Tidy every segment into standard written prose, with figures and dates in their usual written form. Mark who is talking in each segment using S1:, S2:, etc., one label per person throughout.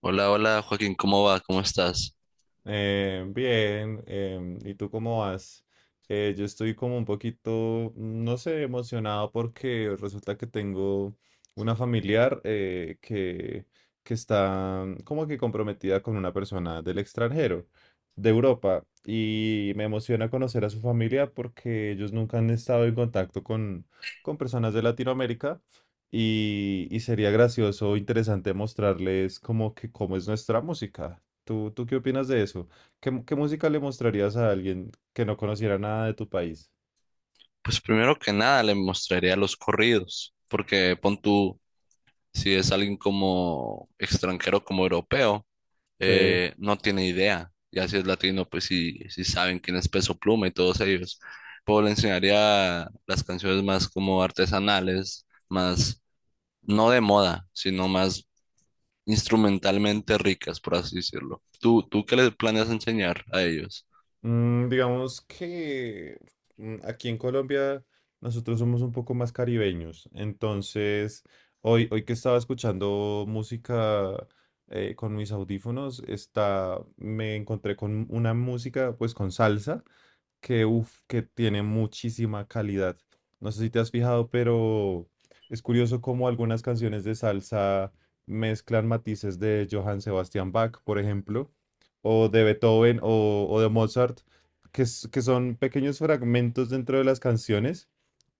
S1: Hola, hola Joaquín, ¿cómo va? ¿Cómo estás?
S2: Bien. ¿Y tú cómo vas? Yo estoy como un poquito, no sé, emocionado porque resulta que tengo una familiar que está como que comprometida con una persona del extranjero, de Europa, y me emociona conocer a su familia porque ellos nunca han estado en contacto con personas de Latinoamérica. Y sería gracioso, interesante mostrarles como que cómo es nuestra música. ¿Tú qué opinas de eso? ¿Qué, qué música le mostrarías a alguien que no conociera nada de tu país?
S1: Pues primero que nada le mostraría los corridos, porque pon tú, si es alguien como extranjero, como europeo,
S2: Sí.
S1: no tiene idea. Ya si es latino, pues sí, sí saben quién es Peso Pluma y todos ellos. Pero le enseñaría las canciones más como artesanales, más no de moda, sino más instrumentalmente ricas, por así decirlo. ¿Tú qué les planeas enseñar a ellos?
S2: Mm, digamos que aquí en Colombia nosotros somos un poco más caribeños. Entonces, hoy que estaba escuchando música con mis audífonos, me encontré con una música pues con salsa, que, uf, que tiene muchísima calidad. No sé si te has fijado, pero es curioso cómo algunas canciones de salsa mezclan matices de Johann Sebastian Bach, por ejemplo, o de Beethoven o de Mozart, que son pequeños fragmentos dentro de las canciones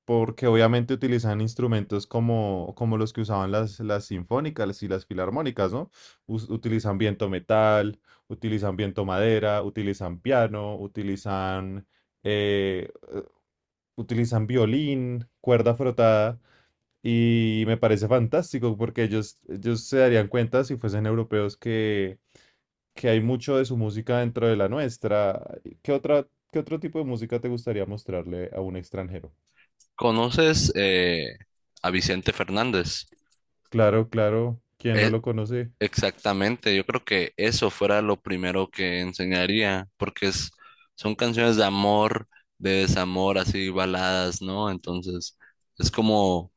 S2: porque obviamente utilizan instrumentos como, como los que usaban las sinfónicas y las filarmónicas, ¿no? Utilizan viento metal, utilizan viento madera, utilizan piano, eh, utilizan violín, cuerda frotada, y me parece fantástico porque ellos se darían cuenta si fuesen europeos que hay mucho de su música dentro de la nuestra. ¿Qué otra, qué otro tipo de música te gustaría mostrarle a un extranjero?
S1: ¿Conoces a Vicente Fernández?
S2: Claro, claro. ¿Quién no
S1: E-
S2: lo conoce?
S1: Exactamente, yo creo que eso fuera lo primero que enseñaría, porque son canciones de amor, de desamor, así baladas, ¿no? Entonces, es como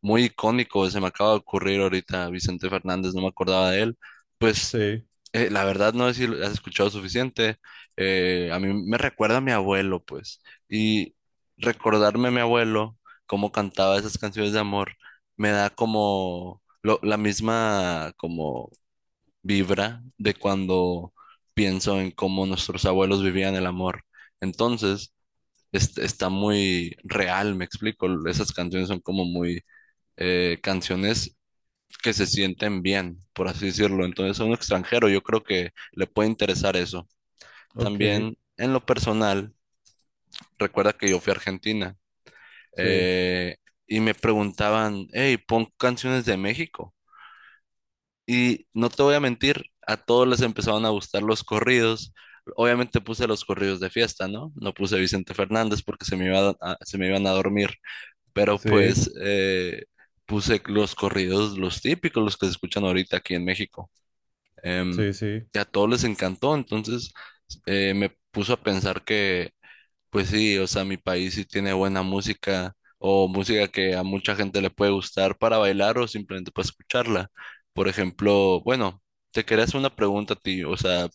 S1: muy icónico, se me acaba de ocurrir ahorita Vicente Fernández, no me acordaba de él. Pues
S2: Sí,
S1: la verdad no sé si lo has escuchado suficiente. A mí me recuerda a mi abuelo, pues. Y recordarme a mi abuelo, cómo cantaba esas canciones de amor, me da como la misma como vibra de cuando pienso en cómo nuestros abuelos vivían el amor. Entonces, está muy real, me explico. Esas canciones son como muy canciones que se sienten bien, por así decirlo. Entonces a un extranjero yo creo que le puede interesar eso.
S2: ok,
S1: También en lo personal, recuerda que yo fui a Argentina
S2: sí,
S1: eh, y me preguntaban, hey, pon canciones de México. Y no te voy a mentir, a todos les empezaron a gustar los corridos. Obviamente puse los corridos de fiesta, ¿no? No puse Vicente Fernández porque se me se me iban a dormir. Pero
S2: sí,
S1: pues puse los corridos, los típicos, los que se escuchan ahorita aquí en México. Em,
S2: sí, sí.
S1: y a todos les encantó, entonces me puso a pensar que, pues sí, o sea, mi país sí tiene buena música o música que a mucha gente le puede gustar para bailar o simplemente para escucharla. Por ejemplo, bueno, te quería hacer una pregunta a ti, o sea,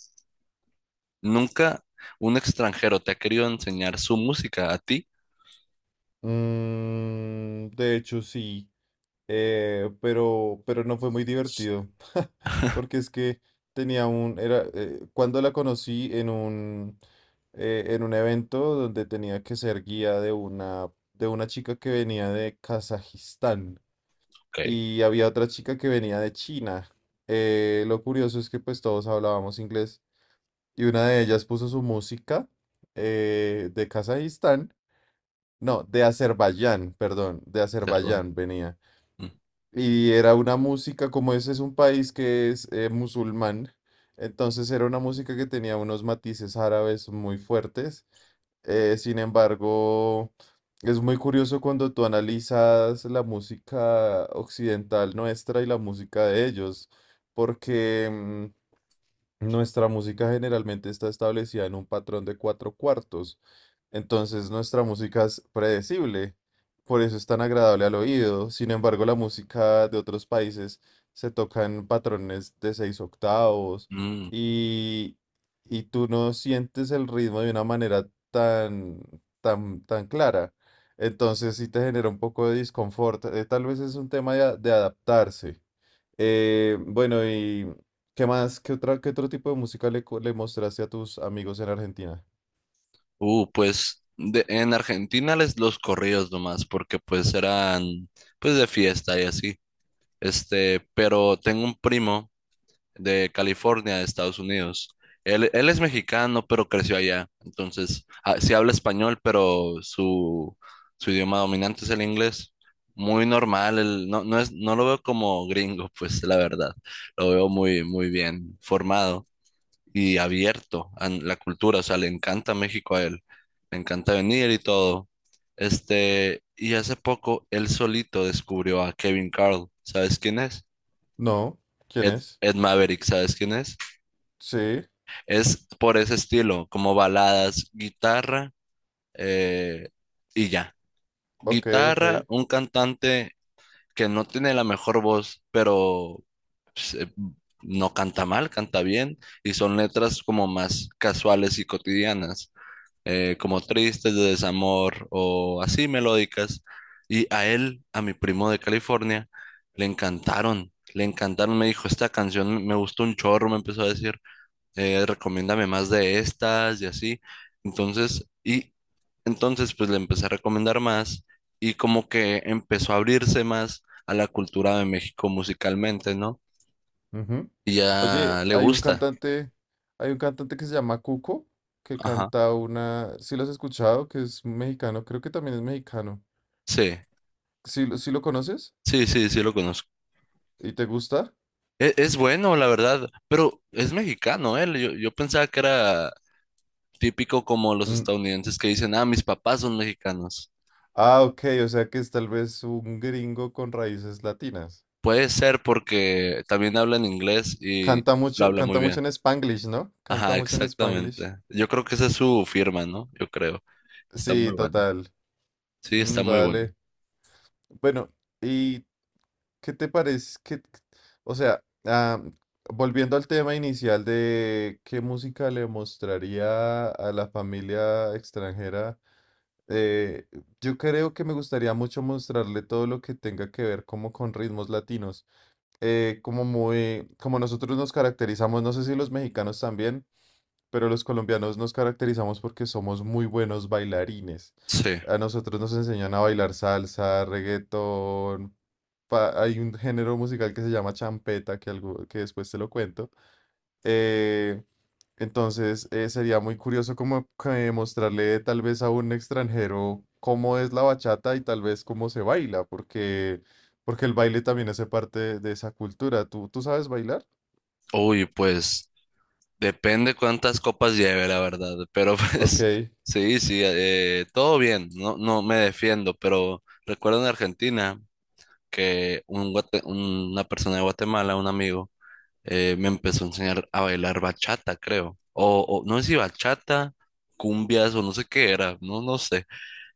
S1: ¿nunca un extranjero te ha querido enseñar su música a ti?
S2: Mm, de hecho, sí, pero no fue muy divertido, porque es que cuando la conocí en un evento donde tenía que ser guía de una chica que venía de Kazajistán
S1: Ok,
S2: y había otra chica que venía de China. Lo curioso es que pues todos hablábamos inglés. Y una de ellas puso su música de Kazajistán, no, de Azerbaiyán, perdón, de
S1: hacerlo.
S2: Azerbaiyán venía.
S1: Mm,
S2: Y era una música, como ese es un país que es musulmán, entonces era una música que tenía unos matices árabes muy fuertes. Sin embargo, es muy curioso cuando tú analizas la música occidental nuestra y la música de ellos, porque nuestra música generalmente está establecida en un patrón de cuatro cuartos, entonces nuestra música es predecible, por eso es tan agradable al oído. Sin embargo, la música de otros países se toca en patrones de seis octavos
S1: mm.
S2: y, y tú no sientes el ritmo de una manera tan clara. Entonces sí te genera un poco de disconfort. Tal vez es un tema de de adaptarse. Bueno, ¿y qué más? ¿Qué otra, qué otro tipo de música le, le mostraste a tus amigos en Argentina?
S1: Pues en Argentina les los corridos nomás, porque pues eran pues de fiesta y así. Este, pero tengo un primo de California, de Estados Unidos. Él es mexicano, pero creció allá. Entonces, ah, sí habla español, pero su idioma dominante es el inglés. Muy normal, no, no es, no lo veo como gringo, pues la verdad. Lo veo muy, muy bien formado y abierto a la cultura, o sea, le encanta México a él, le encanta venir y todo. Este, y hace poco él solito descubrió a Kevin Carl, ¿sabes quién es?
S2: No, ¿quién
S1: Ed,
S2: es?
S1: Ed Maverick, ¿sabes quién es?
S2: Sí,
S1: Es por ese estilo, como baladas, guitarra eh, y ya.
S2: ok, ok.
S1: Guitarra, un cantante que no tiene la mejor voz, pero pues, no canta mal, canta bien, y son letras como más casuales y cotidianas. Como tristes, de desamor o así melódicas. Y a él, a mi primo de California, le encantaron, le encantaron. Me dijo, esta canción me gustó un chorro, me empezó a decir, recomiéndame más de estas y así. Entonces, entonces pues le empecé a recomendar más y como que empezó a abrirse más a la cultura de México musicalmente, ¿no?
S2: Ujú.
S1: Y
S2: Oye,
S1: ya le gusta.
S2: hay un cantante que se llama Cuco, que
S1: Ajá.
S2: canta una, ¿sí lo has escuchado? Que es mexicano, creo que también es mexicano.
S1: Sí,
S2: ¿Sí, sí lo conoces?
S1: sí, sí, sí lo conozco.
S2: ¿Y te gusta?
S1: Es, bueno, la verdad, pero es mexicano él. Yo pensaba que era típico como los
S2: Mm,
S1: estadounidenses que dicen, ah, mis papás son mexicanos.
S2: ah, ok, o sea que es tal vez un gringo con raíces latinas.
S1: Puede ser porque también hablan inglés y lo habla muy
S2: Canta mucho
S1: bien.
S2: en Spanglish, ¿no? Canta
S1: Ajá,
S2: mucho en Spanglish.
S1: exactamente. Yo creo que esa es su firma, ¿no? Yo creo. Está
S2: Sí,
S1: muy bueno.
S2: total.
S1: Sí, está
S2: Mm,
S1: muy bueno.
S2: vale. Bueno, ¿y qué te parece? Que o sea, ah, volviendo al tema inicial de qué música le mostraría a la familia extranjera, eh, yo creo que me gustaría mucho mostrarle todo lo que tenga que ver como con ritmos latinos. Como muy, como nosotros nos caracterizamos, no sé si los mexicanos también, pero los colombianos nos caracterizamos porque somos muy buenos bailarines.
S1: Sí.
S2: A nosotros nos enseñan a bailar salsa, reggaetón. Hay un género musical que se llama champeta, que, algo, que después te lo cuento. Eh, entonces sería muy curioso como que mostrarle tal vez a un extranjero cómo es la bachata y tal vez cómo se baila, porque, porque el baile también hace parte de esa cultura. ¿Tú sabes bailar?
S1: Uy, pues depende cuántas copas lleve, la verdad. Pero pues
S2: Ok.
S1: sí, sí, todo bien. No, no me defiendo, pero recuerdo en Argentina. Que una persona de Guatemala, un amigo, me empezó a enseñar a bailar bachata, creo. O no sé si bachata, cumbias o no sé qué era, no, no sé.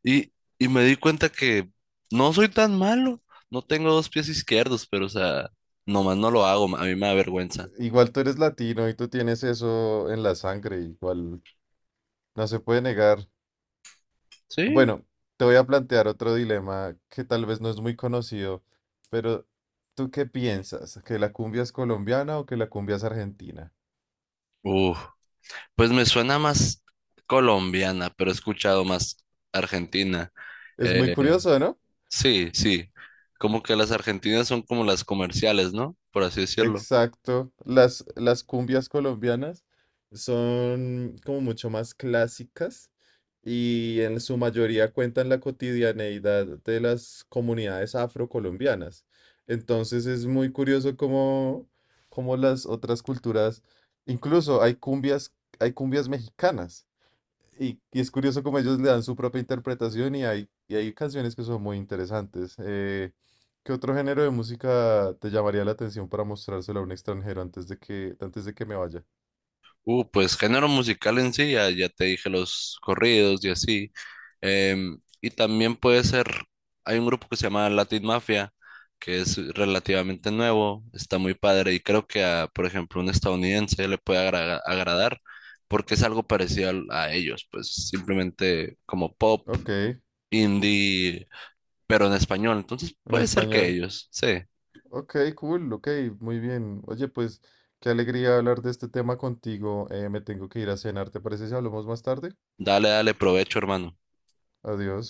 S1: Y, y me di cuenta que no soy tan malo, no tengo dos pies izquierdos, pero o sea, nomás no lo hago, a mí me da vergüenza.
S2: Igual tú eres latino y tú tienes eso en la sangre, igual no se puede negar.
S1: Sí.
S2: Bueno, te voy a plantear otro dilema que tal vez no es muy conocido, pero ¿tú qué piensas? ¿Que la cumbia es colombiana o que la cumbia es argentina?
S1: Uf, pues me suena más colombiana, pero he escuchado más argentina.
S2: Es muy
S1: eh,
S2: curioso, ¿no?
S1: Sí, sí. Como que las argentinas son como las comerciales, ¿no? Por así decirlo.
S2: Exacto. Las cumbias colombianas son como mucho más clásicas y en su mayoría cuentan la cotidianeidad de las comunidades afrocolombianas. Entonces es muy curioso cómo, cómo las otras culturas, incluso hay cumbias mexicanas, y es curioso cómo ellos le dan su propia interpretación y hay canciones que son muy interesantes. ¿Qué otro género de música te llamaría la atención para mostrárselo a un extranjero antes de que me vaya?
S1: Pues género musical en sí, ya te dije los corridos y así. Y también puede ser, hay un grupo que se llama Latin Mafia, que es relativamente nuevo, está muy padre y creo que a, por ejemplo, un estadounidense le puede agradar porque es algo parecido a ellos, pues simplemente como pop,
S2: Ok, en
S1: indie, pero en español. Entonces puede ser que
S2: español.
S1: ellos, sí.
S2: Ok, cool, ok, muy bien. Oye, pues qué alegría hablar de este tema contigo. Me tengo que ir a cenar, ¿te parece si hablamos más tarde?
S1: Dale, dale, provecho, hermano.
S2: Adiós.